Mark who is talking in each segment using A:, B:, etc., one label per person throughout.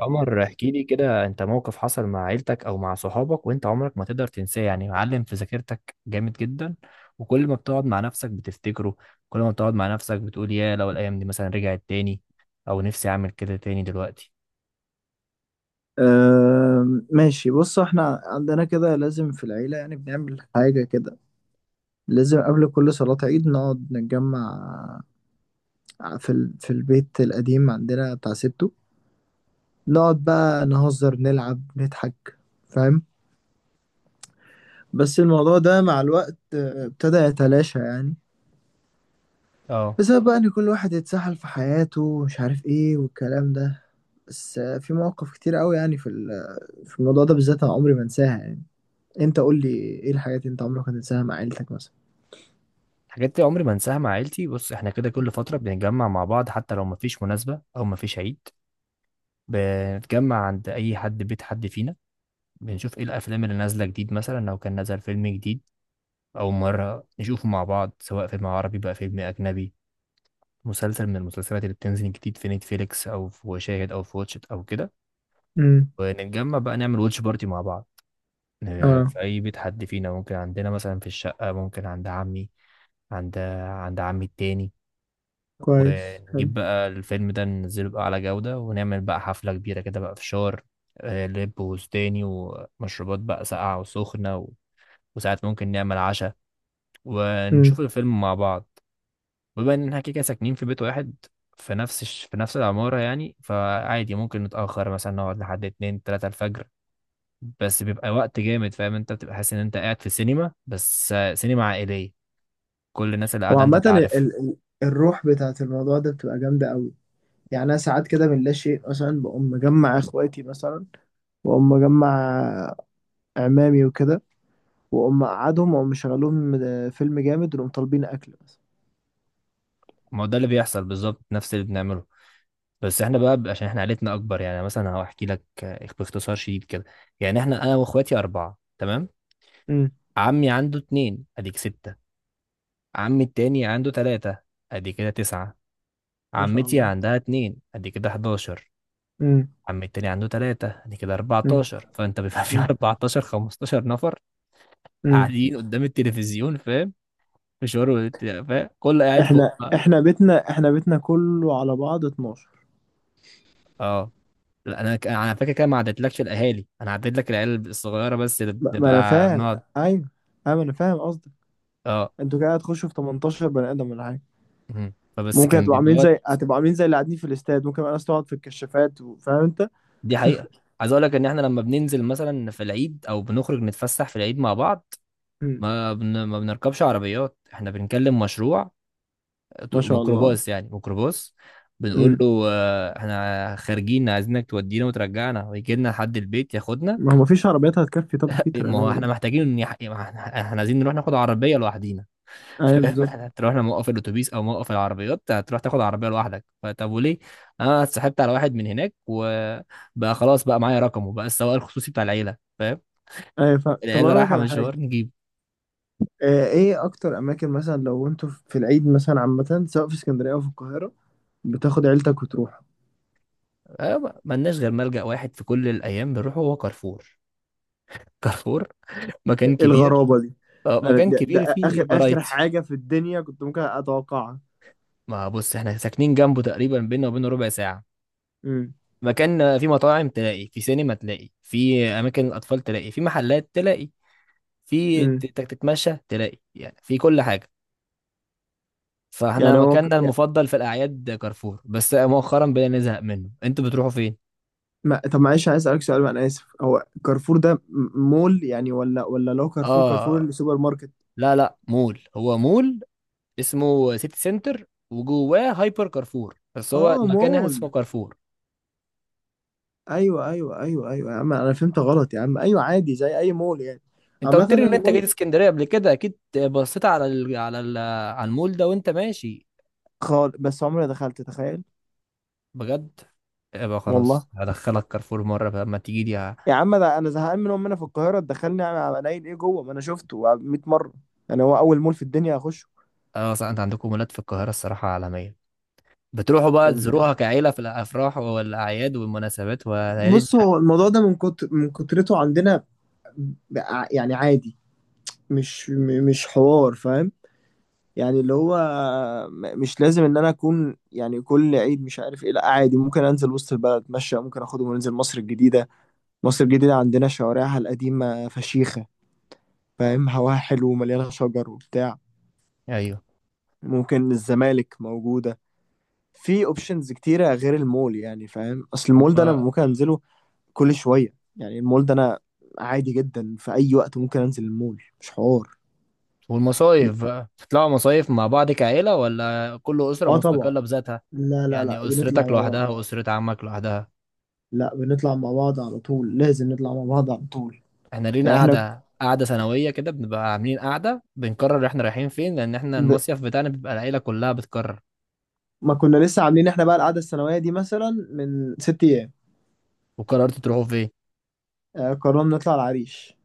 A: عمر، احكي لي كده. انت موقف حصل مع عيلتك او مع صحابك وانت عمرك ما تقدر تنساه، يعني معلم في ذاكرتك جامد جدا، وكل ما بتقعد مع نفسك بتفتكره. كل ما بتقعد مع نفسك بتقول يا لو الايام دي مثلا رجعت تاني، او نفسي اعمل كده تاني دلوقتي.
B: ماشي، بص، احنا عندنا كده لازم في العيلة، يعني بنعمل حاجة كده. لازم قبل كل صلاة عيد نقعد نتجمع في البيت القديم عندنا بتاع ستو. نقعد بقى نهزر نلعب نضحك، فاهم؟ بس الموضوع ده مع الوقت، ابتدى يتلاشى يعني.
A: اه،
B: بسبب بقى ان كل واحد اتسحل في حياته ومش عارف ايه والكلام ده. بس في مواقف كتير قوي يعني، في الموضوع ده بالذات انا عمري ما انساها يعني. انت قول لي، ايه الحاجات اللي انت عمرك ما تنساها مع عيلتك مثلا؟
A: الحاجات دي عمري ما انساها مع عيلتي. بص، احنا كده كل فترة بنتجمع مع بعض حتى لو مفيش مناسبة او مفيش عيد. بنتجمع عند اي حد، بيت حد فينا. بنشوف ايه الافلام اللي نازلة جديد، مثلا لو كان نزل فيلم جديد أول مرة نشوفه مع بعض، سواء فيلم عربي بقى فيلم أجنبي، مسلسل من المسلسلات اللي بتنزل جديد في نتفليكس أو في وشاهد أو في واتشت أو كده.
B: امم.
A: ونتجمع بقى نعمل واتش بارتي مع بعض،
B: اه،
A: في أي بيت حد فينا، ممكن عندنا مثلا في الشقة، ممكن عند عمي، عند عند عمي التاني.
B: كويس، حلو.
A: ونجيب بقى الفيلم ده، ننزله بقى على جودة، ونعمل بقى حفلة كبيرة كده بقى، فشار لب وستاني ومشروبات بقى ساقعة وسخنة وساعات ممكن نعمل عشاء
B: امم.
A: ونشوف الفيلم مع بعض. وبما ان احنا كده كده ساكنين في بيت واحد، في في نفس العمارة يعني، فعادي ممكن نتأخر مثلا نقعد لحد اتنين تلاتة الفجر. بس بيبقى وقت جامد، فاهم؟ انت بتبقى حاسس ان انت قاعد في سينما، بس سينما عائلية، كل الناس اللي قاعدة انت
B: وعامة
A: تعرفها.
B: الروح بتاعت الموضوع ده بتبقى جامدة قوي. يعني أنا ساعات كده من لا شيء مثلا بقوم مجمع إخواتي مثلا، وأقوم مجمع عمامي وكده، وأقوم أقعدهم وأقوم مشغلهم فيلم جامد ونقوم طالبين أكل مثلا.
A: ما هو ده اللي بيحصل بالظبط، نفس اللي بنعمله. بس احنا بقى عشان احنا عائلتنا اكبر. يعني مثلا هحكي لك باختصار شديد كده. يعني احنا، انا واخواتي اربعة، تمام.
B: امم.
A: عمي عنده اتنين، اديك ستة. عمي التاني عنده تلاتة، ادي كده تسعة.
B: ما شاء
A: عمتي
B: الله.
A: عندها اتنين، ادي كده 11.
B: امم.
A: عم التاني عنده تلاتة، يعني كده
B: امم.
A: 14. فانت بيبقى في
B: امم.
A: 14 15 نفر
B: امم.
A: قاعدين قدام التلفزيون، فاهم؟ مشوار فاهم كله قاعد فوق
B: إحنا
A: بقى.
B: إحنا بيتنا إحنا بيتنا كله على بعض 12.
A: اه، لا انا انا فاكر كده ما عدتلكش الاهالي، انا عديت لك العيال الصغيره بس اللي
B: ما أنا
A: بنبقى
B: فاهم.
A: بنقعد.
B: أيوه، أيوه، أنا فاهم قصدك.
A: اه،
B: أنتوا كده هتخشوا في 18 بني آدم ولا حاجة؟
A: مهم. فبس
B: ممكن
A: كان بيبقى وقت.
B: هتبقى عاملين زي اللي قاعدين في الاستاد، ممكن بقى ناس تقعد في الكشافات فاهم انت؟
A: دي حقيقه. عايز اقول لك ان احنا لما بننزل مثلا في العيد او بنخرج نتفسح في العيد مع بعض،
B: مم.
A: ما بنركبش عربيات، احنا بنكلم مشروع
B: ما شاء الله.
A: ميكروباص، يعني ميكروباص. بنقول
B: مم.
A: له احنا خارجين عايزينك تودينا وترجعنا ويجي لنا لحد البيت ياخدنا.
B: ما هو مفيش عربيات هتكفي، طب في ترى
A: ما هو
B: نعمل
A: احنا
B: ايه؟
A: محتاجين إن ما احنا إحنا عايزين نروح ناخد عربيه لوحدينا.
B: ايوه،
A: فاهم؟
B: بالظبط.
A: احنا تروح موقف الاتوبيس او موقف العربيات، هتروح تاخد عربيه لوحدك؟ فطب وليه؟ انا اتسحبت على واحد من هناك، وبقى خلاص بقى معايا رقمه بقى، السواق الخصوصي بتاع العيله، فاهم؟
B: ايوه، طب
A: العيله
B: انا اقول لك
A: رايحه
B: على حاجه.
A: مشوار، نجيب.
B: ايه اكتر اماكن مثلا، لو انتوا في العيد مثلا عامه، سواء في اسكندريه او في القاهره، بتاخد عيلتك وتروح؟
A: ملناش غير ملجأ واحد في كل الايام بنروحه، هو كارفور. كارفور، مكان كبير.
B: الغرابه دي! انا
A: مكان
B: ده,
A: كبير
B: ده
A: فيه
B: اخر اخر
A: فرايتي.
B: حاجه في الدنيا كنت ممكن اتوقعها.
A: ما بص، احنا ساكنين جنبه تقريبا، بينا وبينه ربع ساعة.
B: امم.
A: مكان فيه مطاعم تلاقي، في سينما تلاقي، في أماكن الأطفال تلاقي، في محلات تلاقي، في
B: امم.
A: تتمشى تلاقي، يعني في كل حاجة. فاحنا
B: يعني هو،
A: مكاننا المفضل في الأعياد كارفور، بس مؤخرا بدأنا نزهق منه. انتوا بتروحوا فين؟
B: ما طب معلش عايز اسالك سؤال وانا اسف، هو كارفور ده مول يعني ولا لو كارفور
A: اه،
B: اللي سوبر ماركت؟
A: لا لا، مول، هو مول. اسمه سيتي سنتر وجواه هايبر كارفور، بس هو
B: اه،
A: المكان هنا اسمه
B: مول.
A: كارفور.
B: ايوه، ايوه، ايوه، ايوه، يا عم انا فهمت غلط يا عم. ايوه عادي زي اي مول يعني.
A: انت قلت
B: عامه،
A: لي
B: أنا
A: ان انت
B: المول
A: جيت اسكندريه قبل كده، اكيد بصيت على المول ده وانت ماشي.
B: خالص بس عمري ما دخلت، تخيل.
A: بجد؟ يبقى
B: والله
A: خلاص هدخلك كارفور مره بقى اما تيجي لي
B: يا عم، ده انا زهقان من امنا في القاهره دخلني قليل ايه جوه ما انا شفته 100 مره. يعني هو اول مول في الدنيا اخشه؟
A: اه. صح انت عندكم مولات في القاهره، الصراحه عالميه. بتروحوا بقى
B: ال-
A: تزوروها كعيله في الافراح والاعياد والمناسبات وليالي
B: بص، هو الموضوع ده من كترته عندنا، ب- يعني عادي، مش حوار، فاهم؟ يعني اللي هو مش لازم ان انا اكون يعني كل عيد مش عارف ايه، لا عادي، ممكن انزل وسط البلد اتمشى، ممكن اخدهم وننزل مصر الجديدة. مصر الجديدة عندنا شوارعها القديمة فشيخة، فاهم، هواها حلو ومليانة شجر وبتاع.
A: ايوه
B: ممكن الزمالك موجودة، في اوبشنز كتيرة غير المول يعني، فاهم، اصل المول ده انا
A: أما-
B: ممكن انزله كل شوية يعني. المول ده انا عادي جدا في اي وقت ممكن انزل المول، مش حوار.
A: والمصايف بقى، بتطلعوا مصايف مع بعض كعيله ولا كل اسره
B: اه طبعا.
A: مستقله بذاتها؟
B: لا، لا، لا،
A: يعني
B: بنطلع
A: اسرتك
B: مع بعض.
A: لوحدها واسره عمك لوحدها؟
B: لا، بنطلع مع بعض على طول، لازم نطلع مع بعض على طول.
A: احنا لينا
B: يعني احنا،
A: قاعدة سنوية كده، بنبقى عاملين قاعدة بنقرر احنا رايحين فين، لأن احنا
B: ب...
A: المصيف بتاعنا بيبقى العيلة كلها بتقرر.
B: ما كنا لسه عاملين احنا بقى القعده السنويه دي مثلا من 6 ايام.
A: وقررتوا تروحوا فين؟
B: قررنا نطلع العريش.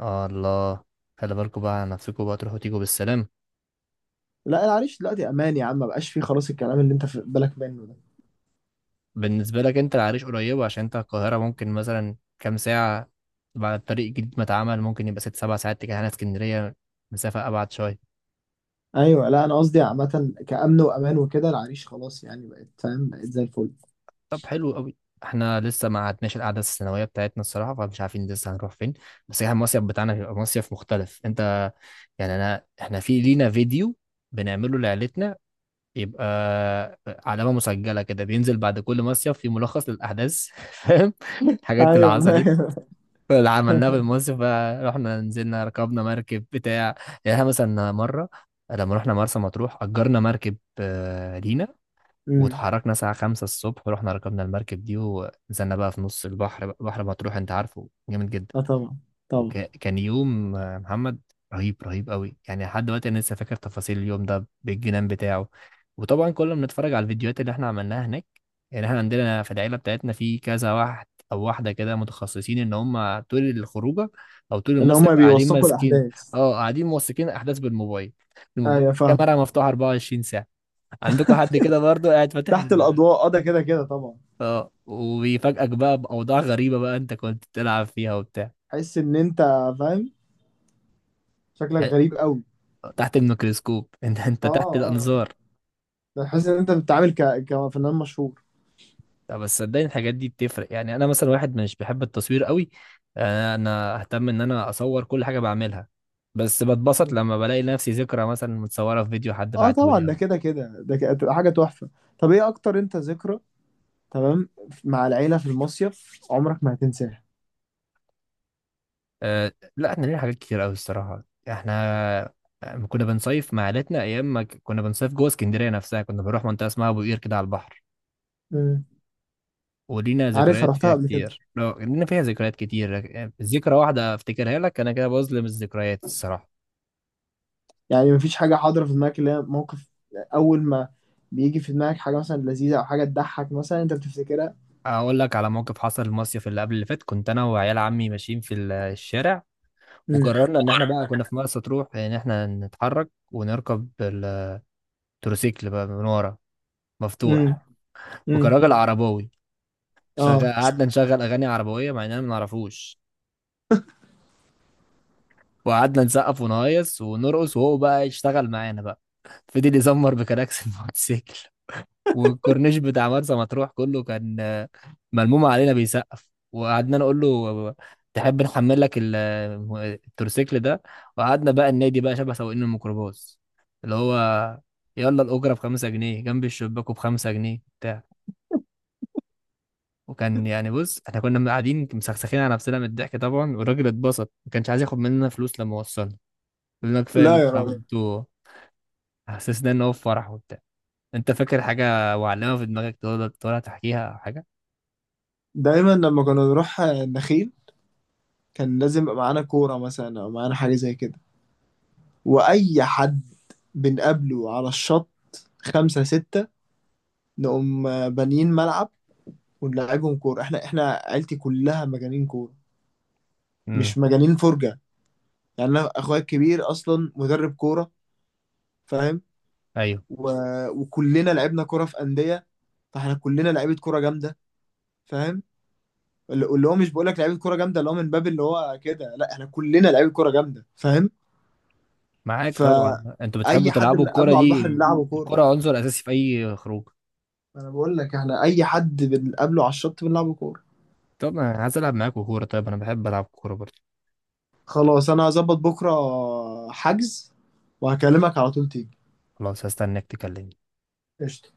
A: آه الله، خلي بالكوا بقى على نفسكوا بقى، تروحوا تيجوا بالسلام.
B: لا، العريش دلوقتي امان يا عم، ما بقاش فيه خلاص الكلام اللي انت في بالك منه ده.
A: بالنسبة لك انت، العريش قريبة عشان انت القاهرة، ممكن مثلا كام ساعة. بعد الطريق الجديد ما اتعمل، ممكن يبقى ست سبع ساعات. تجاه هنا اسكندرية، مسافة أبعد شوية.
B: ايوه، لا انا قصدي عامه كامن وامان وكده، العريش خلاص يعني بقت، فاهم، بقت زي الفل.
A: طب حلو قوي. احنا لسه ما عدناش القعده السنويه بتاعتنا الصراحه، فمش عارفين لسه هنروح فين. بس احنا المصيف بتاعنا هيبقى مصيف مختلف، انت يعني. انا احنا في لينا فيديو بنعمله لعيلتنا، يبقى علامه مسجله كده، بينزل بعد كل مصيف في ملخص للاحداث. فاهم؟ الحاجات اللي
B: ايوه.
A: حصلت اللي عملناها في المصيف بقى، رحنا نزلنا ركبنا مركب بتاع. يعني احنا مثلا مره لما رحنا مرسى مطروح، اجرنا مركب لينا،
B: امم.
A: واتحركنا الساعة خمسة الصبح، ورحنا ركبنا المركب دي، ونزلنا بقى في نص البحر بحر مطروح انت عارفه جامد جدا.
B: اه، طبعا، طبعا.
A: وكان يوم محمد، رهيب رهيب قوي. يعني لحد دلوقتي انا لسه فاكر تفاصيل اليوم ده بالجنان بتاعه. وطبعا كنا بنتفرج على الفيديوهات اللي احنا عملناها هناك. يعني احنا عندنا في العيلة بتاعتنا في كذا واحد او واحدة كده متخصصين ان هم طول الخروجة او طول
B: اللي
A: المصيف
B: هما
A: قاعدين
B: بيوثقوا
A: ماسكين.
B: الاحداث.
A: اه، قاعدين موثقين احداث بالموبايل، الموبايل،
B: ايوه، فاهم.
A: الكاميرا مفتوحة 24 ساعة. عندكم حد كده برضه قاعد فاتح؟
B: تحت الاضواء. اه، ده كده كده طبعا.
A: اه، وبيفاجئك بقى باوضاع غريبه بقى انت كنت بتلعب فيها وبتاع.
B: تحس ان انت، فاهم، شكلك غريب قوي.
A: تحت الميكروسكوب. انت
B: اه،
A: تحت
B: اه،
A: الانظار.
B: بحس ان انت بتتعامل كفنان مشهور.
A: لا، بس صدقني الحاجات دي بتفرق. يعني انا مثلا واحد مش بحب التصوير قوي، انا اهتم ان انا اصور كل حاجه بعملها، بس بتبسط لما بلاقي نفسي ذكرى مثلا متصوره في فيديو حد
B: اه طبعا،
A: بعتهولي أو.
B: ده كده كده، هتبقى حاجه تحفه. طب، ايه اكتر انت، ذكرى تمام مع العيله في المصيف عمرك ما هتنساها؟
A: أه لا، احنا لينا حاجات كتير قوي الصراحه. احنا لما كنا بنصيف مع عيلتنا، ايام ما كنا بنصيف جوه اسكندريه نفسها، كنا بنروح منطقه اسمها ابو قير كده على البحر.
B: مم.
A: ولينا
B: عارفها،
A: ذكريات
B: رحتها
A: فيها
B: قبل كده.
A: كتير. لو لينا فيها ذكريات كتير يعني، ذكرى واحدة افتكرها لك انا كده بظلم الذكريات الصراحة.
B: يعني مفيش حاجه حاضره في دماغك اللي هي موقف اول ما بيجي في دماغك، حاجه مثلا لذيذه او حاجه تضحك مثلا انت بتفتكرها؟
A: اقول لك على موقف حصل المصيف اللي قبل اللي فات. كنت انا وعيال عمي ماشيين في الشارع،
B: مم.
A: وقررنا ان احنا بقى كنا في مرسى تروح ان احنا نتحرك ونركب التروسيكل بقى من ورا
B: مم.
A: مفتوح. وكان
B: مم.
A: راجل عرباوي
B: اه،
A: شغال، قعدنا نشغل اغاني عربوية مع اننا ما نعرفوش، وقعدنا نسقف ونهيص ونرقص وهو بقى يشتغل معانا بقى، فضل يزمر بكراكس الموتوسيكل. والكورنيش بتاع مرسى مطروح كله كان ملموم علينا بيسقف، وقعدنا نقول له تحب نحمل لك التورسيكل ده. وقعدنا بقى النادي بقى شبه سواقين الميكروباص، اللي هو يلا الأجرة بخمسة جنيه جنب الشباك وبخمسة جنيه بتاع. وكان يعني، بص احنا كنا قاعدين مسخسخين على نفسنا من الضحك طبعا. والراجل اتبسط، ما كانش عايز ياخد مننا فلوس، لما وصلنا قلنا كفايه
B: لا
A: اللي
B: يا
A: انتوا
B: راجل.
A: عملتوه. حسسنا ان هو في فرح وبتاع. انت فاكر حاجه وعلمها في دماغك تقدر تحكيها او حاجه؟
B: دايما لما كنا نروح النخيل كان لازم يبقى معانا كوره مثلا او معانا حاجه زي كده، واي حد بنقابله على الشط خمسة ستة نقوم بانيين ملعب ونلعبهم كورة. احنا عيلتي كلها مجانين كورة،
A: امم،
B: مش مجانين فرجة. يعني انا اخويا الكبير اصلا مدرب كورة، فاهم.
A: ايوه
B: و... وكلنا لعبنا كورة في أندية، فاحنا كلنا لعيبة كورة جامدة، فاهم. اللي هو مش بقول لك لعيبة كورة جامدة اللي هو من باب اللي هو كده، لا احنا كلنا لعيبة كورة جامدة، فاهم.
A: معاك طبعا، انتوا بتحبوا
B: فأي حد
A: تلعبوا الكرة
B: بنقابله على البحر
A: دي.
B: نلعبه كورة.
A: الكرة عنصر اساسي في اي خروج.
B: انا بقول لك احنا اي حد بنقابله على الشط بنلعب كوره.
A: طب انا عايز العب معاكوا كورة، طيب انا بحب العب كورة برضه.
B: خلاص انا هظبط بكره حجز وهكلمك على طول تيجي.
A: خلاص هستناك تكلمني.
B: قشطة.